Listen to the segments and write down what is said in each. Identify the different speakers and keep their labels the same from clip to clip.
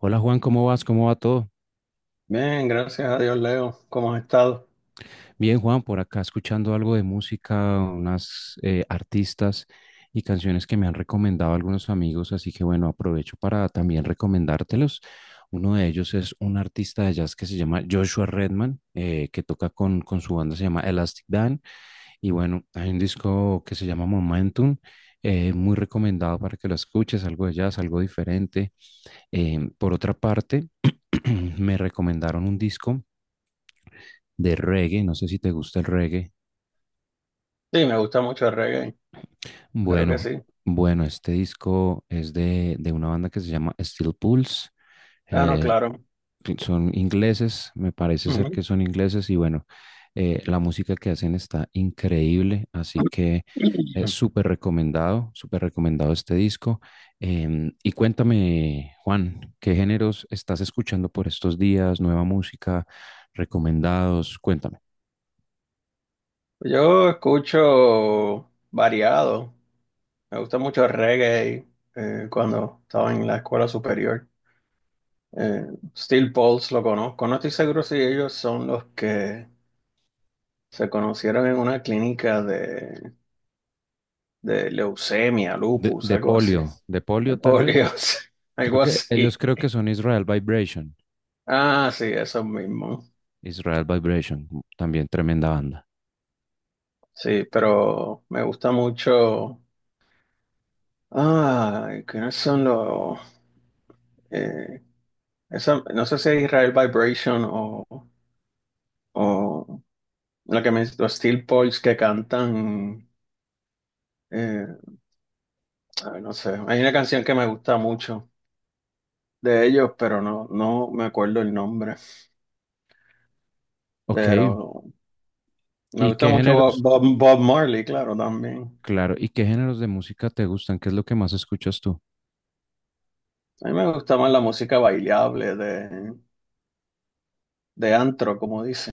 Speaker 1: Hola Juan, ¿cómo vas? ¿Cómo va todo?
Speaker 2: Bien, gracias a Dios, Leo. ¿Cómo has estado?
Speaker 1: Bien Juan, por acá escuchando algo de música, unas artistas y canciones que me han recomendado algunos amigos, así que bueno, aprovecho para también recomendártelos. Uno de ellos es un artista de jazz que se llama Joshua Redman, que toca con su banda, se llama Elastic Dan, y bueno, hay un disco que se llama Momentum, muy recomendado para que lo escuches, algo de jazz, algo diferente. Por otra parte, me recomendaron un disco de reggae. No sé si te gusta el reggae.
Speaker 2: Sí, me gusta mucho el reggae. Creo que
Speaker 1: Bueno,
Speaker 2: sí.
Speaker 1: bueno, este disco es de una banda que se llama Steel Pulse.
Speaker 2: Ah, no,
Speaker 1: Eh,
Speaker 2: claro.
Speaker 1: son ingleses, me parece ser
Speaker 2: Ujú.
Speaker 1: que son ingleses y bueno, la música que hacen está increíble, así que súper recomendado este disco. Em, y cuéntame, Juan, ¿qué géneros estás escuchando por estos días? ¿Nueva música? ¿Recomendados? Cuéntame.
Speaker 2: Yo escucho variado. Me gusta mucho el reggae cuando estaba en la escuela superior. Eh, Steel Pulse lo conozco. No estoy seguro si ellos son los que se conocieron en una clínica de leucemia,
Speaker 1: De,
Speaker 2: lupus,
Speaker 1: de
Speaker 2: algo así.
Speaker 1: polio, de polio
Speaker 2: El
Speaker 1: tal vez.
Speaker 2: polio,
Speaker 1: Creo
Speaker 2: algo
Speaker 1: que ellos
Speaker 2: así.
Speaker 1: creo que son Israel Vibration.
Speaker 2: Ah, sí, eso mismo.
Speaker 1: Israel Vibration, también tremenda banda.
Speaker 2: Sí, pero me gusta mucho. Ah, ¿quiénes son los? eh, no sé si es Israel Vibration o la que me, los Steel Pulse que cantan. eh, Ay, no sé. Hay una canción que me gusta mucho de ellos, pero no, no me acuerdo el nombre.
Speaker 1: Ok,
Speaker 2: Pero me
Speaker 1: ¿y
Speaker 2: gusta
Speaker 1: qué
Speaker 2: mucho
Speaker 1: géneros?
Speaker 2: Bob Marley, claro, también.
Speaker 1: Claro, ¿y qué géneros de música te gustan? ¿Qué es lo que más escuchas tú?
Speaker 2: A mí me gusta más la música bailable de antro, como dicen,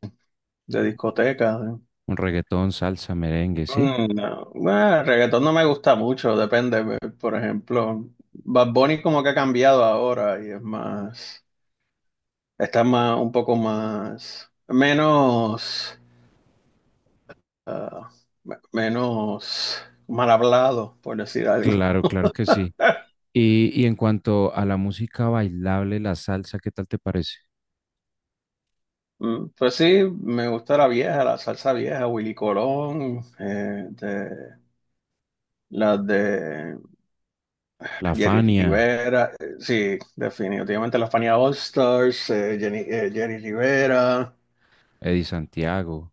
Speaker 2: de discoteca.
Speaker 1: ¿Un reggaetón, salsa, merengue, sí?
Speaker 2: No, bueno, el reggaetón no me gusta mucho, depende. Por ejemplo, Bad Bunny como que ha cambiado ahora y es más, está más, un poco más, menos, ah, menos mal hablado, por decir algo.
Speaker 1: Claro, claro que sí. Y en cuanto a la música bailable, la salsa, ¿qué tal te parece?
Speaker 2: Pues sí, me gusta la vieja, la salsa vieja, Willy Colón, las de
Speaker 1: La
Speaker 2: Jerry
Speaker 1: Fania,
Speaker 2: Rivera, sí, definitivamente la Fania All Stars, Jerry Rivera.
Speaker 1: Eddie Santiago.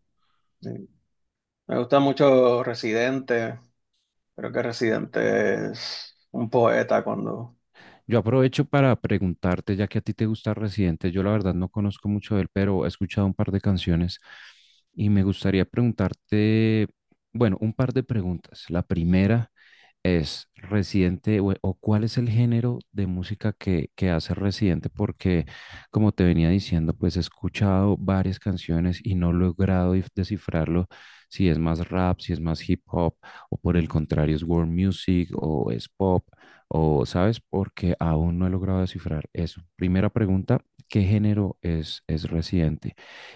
Speaker 2: Sí. Me gusta mucho Residente. Creo que Residente es un poeta cuando.
Speaker 1: Yo aprovecho para preguntarte, ya que a ti te gusta Residente, yo la verdad no conozco mucho de él, pero he escuchado un par de canciones y me gustaría preguntarte, bueno, un par de preguntas. La primera, ¿es Residente o cuál es el género de música que hace Residente? Porque, como te venía diciendo, pues he escuchado varias canciones y no he logrado descifrarlo, si es más rap, si es más hip hop, o por el contrario es world music o es pop, o sabes, porque aún no he logrado descifrar eso. Primera pregunta, ¿qué género es Residente?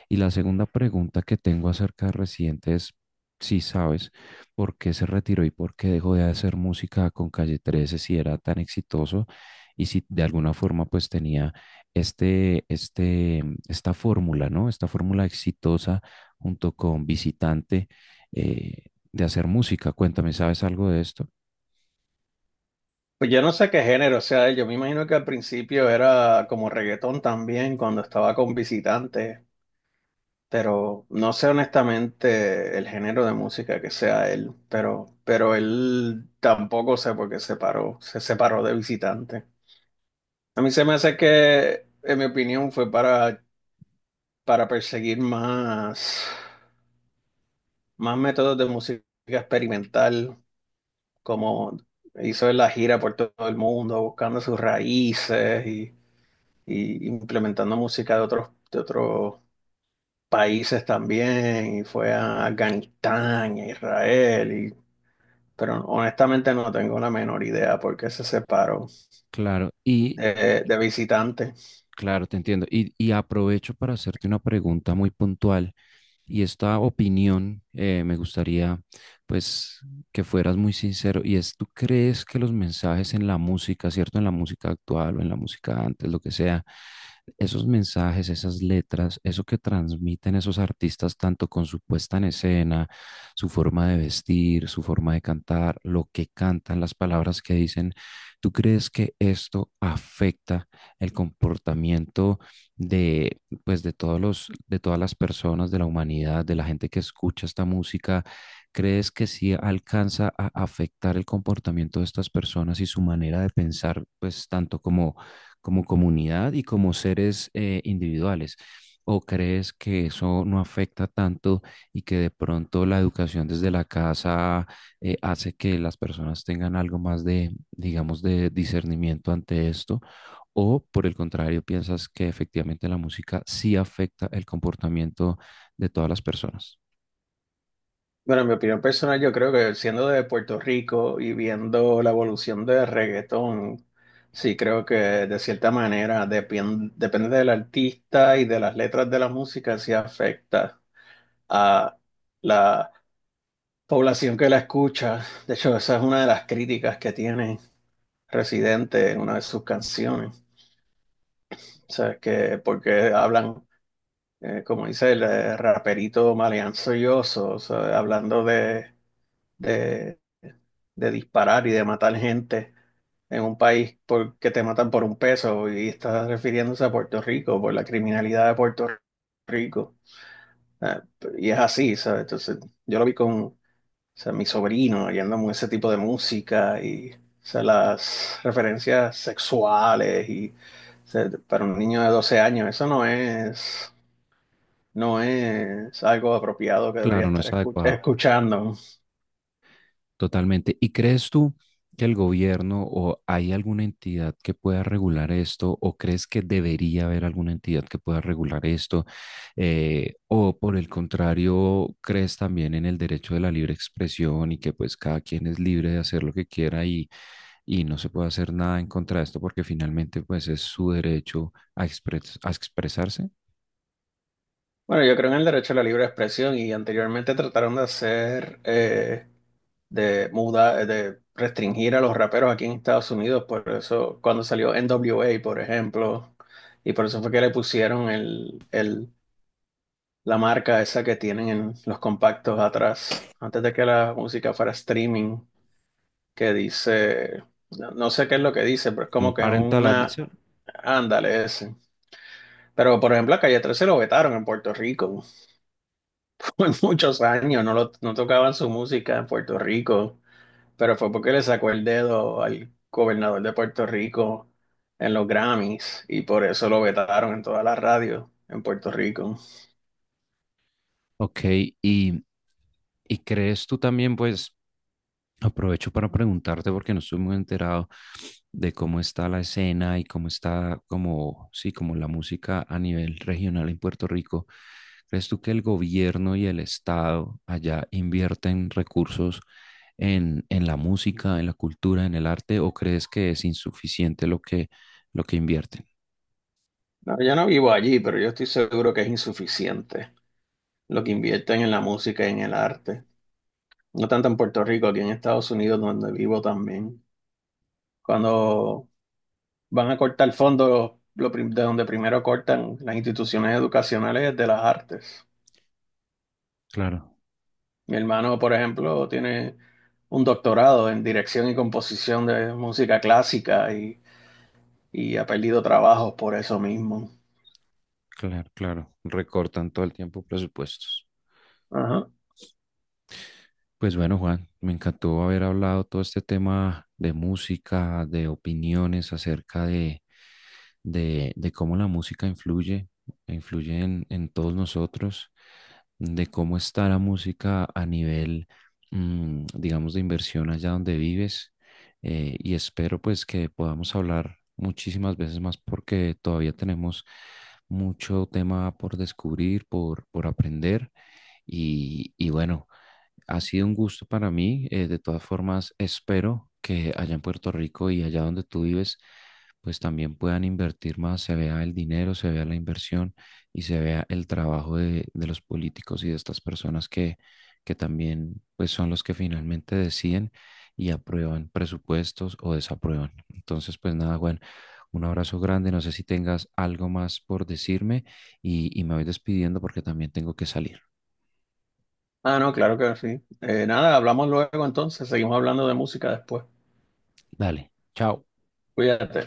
Speaker 1: Y la segunda pregunta que tengo acerca de Residente es si sabes por qué se retiró y por qué dejó de hacer música con Calle 13 si era tan exitoso y si de alguna forma pues tenía esta fórmula, ¿no? Esta fórmula exitosa junto con Visitante eh, de hacer música. Cuéntame, ¿sabes algo de esto?
Speaker 2: Pues yo no sé qué género sea él. Yo me imagino que al principio era como reggaetón también cuando estaba con visitantes, pero no sé honestamente el género de música que sea él, pero él tampoco sé por qué se paró, se separó de visitantes. A mí se me hace que, en mi opinión, fue para perseguir más, más métodos de música experimental, como hizo en la gira por todo el mundo, buscando sus raíces y implementando música de otros países también, y fue a Afganistán, a Israel, pero honestamente no tengo la menor idea por qué se separó
Speaker 1: Claro, y
Speaker 2: de visitante.
Speaker 1: claro, te entiendo. Y aprovecho para hacerte una pregunta muy puntual. Y esta opinión, me gustaría pues que fueras muy sincero, y es, ¿tú crees que los mensajes en la música, cierto, en la música actual o en la música antes, lo que sea, esos mensajes, esas letras, eso que transmiten esos artistas tanto con su puesta en escena, su forma de vestir, su forma de cantar, lo que cantan, las palabras que dicen, tú crees que esto afecta el comportamiento de, pues de todos los, de todas las personas de la humanidad, de la gente que escucha esta música, crees que sí alcanza a afectar el comportamiento de estas personas y su manera de pensar, pues tanto como como comunidad y como seres individuales? ¿O crees que eso no afecta tanto y que de pronto la educación desde la casa hace que las personas tengan algo más de, digamos, de discernimiento ante esto, o por el contrario, piensas que efectivamente la música sí afecta el comportamiento de todas las personas?
Speaker 2: Bueno, en mi opinión personal, yo creo que siendo de Puerto Rico y viendo la evolución del reggaetón, sí creo que de cierta manera depende del artista y de las letras de la música, sí afecta a la población que la escucha. De hecho, esa es una de las críticas que tiene Residente en una de sus canciones. O sea, que porque hablan, como dice el raperito maleanzoyoso, o sea, hablando de, de disparar y de matar gente en un país porque te matan por un peso y estás refiriéndose a Puerto Rico por la criminalidad de Puerto Rico. Ah, y es así, ¿sabes? Entonces, yo lo vi con, o sea, mi sobrino yendo a ese tipo de música y, o sea, las referencias sexuales y, o sea, para un niño de 12 años, eso no es, no es algo apropiado que debería
Speaker 1: Claro, no
Speaker 2: estar
Speaker 1: es adecuado.
Speaker 2: escuchando.
Speaker 1: Totalmente. ¿Y crees tú que el gobierno o hay alguna entidad que pueda regular esto, o crees que debería haber alguna entidad que pueda regular esto? ¿O por el contrario, crees también en el derecho de la libre expresión y que pues cada quien es libre de hacer lo que quiera, y no se puede hacer nada en contra de esto porque finalmente pues es su derecho a, a expresarse
Speaker 2: Bueno, yo creo en el derecho a la libre expresión y anteriormente trataron de hacer, de mudar, de restringir a los raperos aquí en Estados Unidos, por eso cuando salió NWA, por ejemplo, y por eso fue que le pusieron la marca esa que tienen en los compactos atrás, antes de que la música fuera streaming, que dice, no, no sé qué es lo que dice, pero es
Speaker 1: como
Speaker 2: como que es
Speaker 1: parental advisor?
Speaker 2: una, ándale ese. Pero por ejemplo, a Calle 13 lo vetaron en Puerto Rico. Fue muchos años, no, no tocaban su música en Puerto Rico, pero fue porque le sacó el dedo al gobernador de Puerto Rico en los Grammys y por eso lo vetaron en todas las radios en Puerto Rico.
Speaker 1: Ok, y, y crees tú también, pues... Aprovecho para preguntarte porque no estoy muy enterado de cómo está la escena y cómo está, como sí, como la música a nivel regional en Puerto Rico. ¿Crees tú que el gobierno y el Estado allá invierten recursos en la música, en la cultura, en el arte, o crees que es insuficiente lo que invierten?
Speaker 2: No, yo no vivo allí, pero yo estoy seguro que es insuficiente lo que invierten en la música y en el arte. No tanto en Puerto Rico, aquí en Estados Unidos, donde vivo también. Cuando van a cortar fondos, de donde primero cortan las instituciones educacionales es de las artes.
Speaker 1: Claro,
Speaker 2: Mi hermano, por ejemplo, tiene un doctorado en dirección y composición de música clásica y ha perdido trabajos por eso mismo.
Speaker 1: claro, claro. Recortan todo el tiempo presupuestos.
Speaker 2: Ajá.
Speaker 1: Pues bueno, Juan, me encantó haber hablado todo este tema de música, de opiniones acerca de cómo la música influye, influye en todos nosotros, de cómo está la música a nivel, digamos, de inversión allá donde vives. Y espero pues que podamos hablar muchísimas veces más porque todavía tenemos mucho tema por descubrir, por aprender. Y y bueno. Ha sido un gusto para mí. De todas formas, espero que allá en Puerto Rico y allá donde tú vives, pues también puedan invertir más, se vea el dinero, se vea la inversión y se vea el trabajo de los políticos y de estas personas que también pues son los que finalmente deciden y aprueban presupuestos o desaprueban. Entonces, pues nada, Juan, un abrazo grande. No sé si tengas algo más por decirme y me voy despidiendo porque también tengo que salir.
Speaker 2: Ah, no, claro que sí. Nada, hablamos luego entonces, seguimos hablando de música después.
Speaker 1: Dale, chao.
Speaker 2: Cuídate.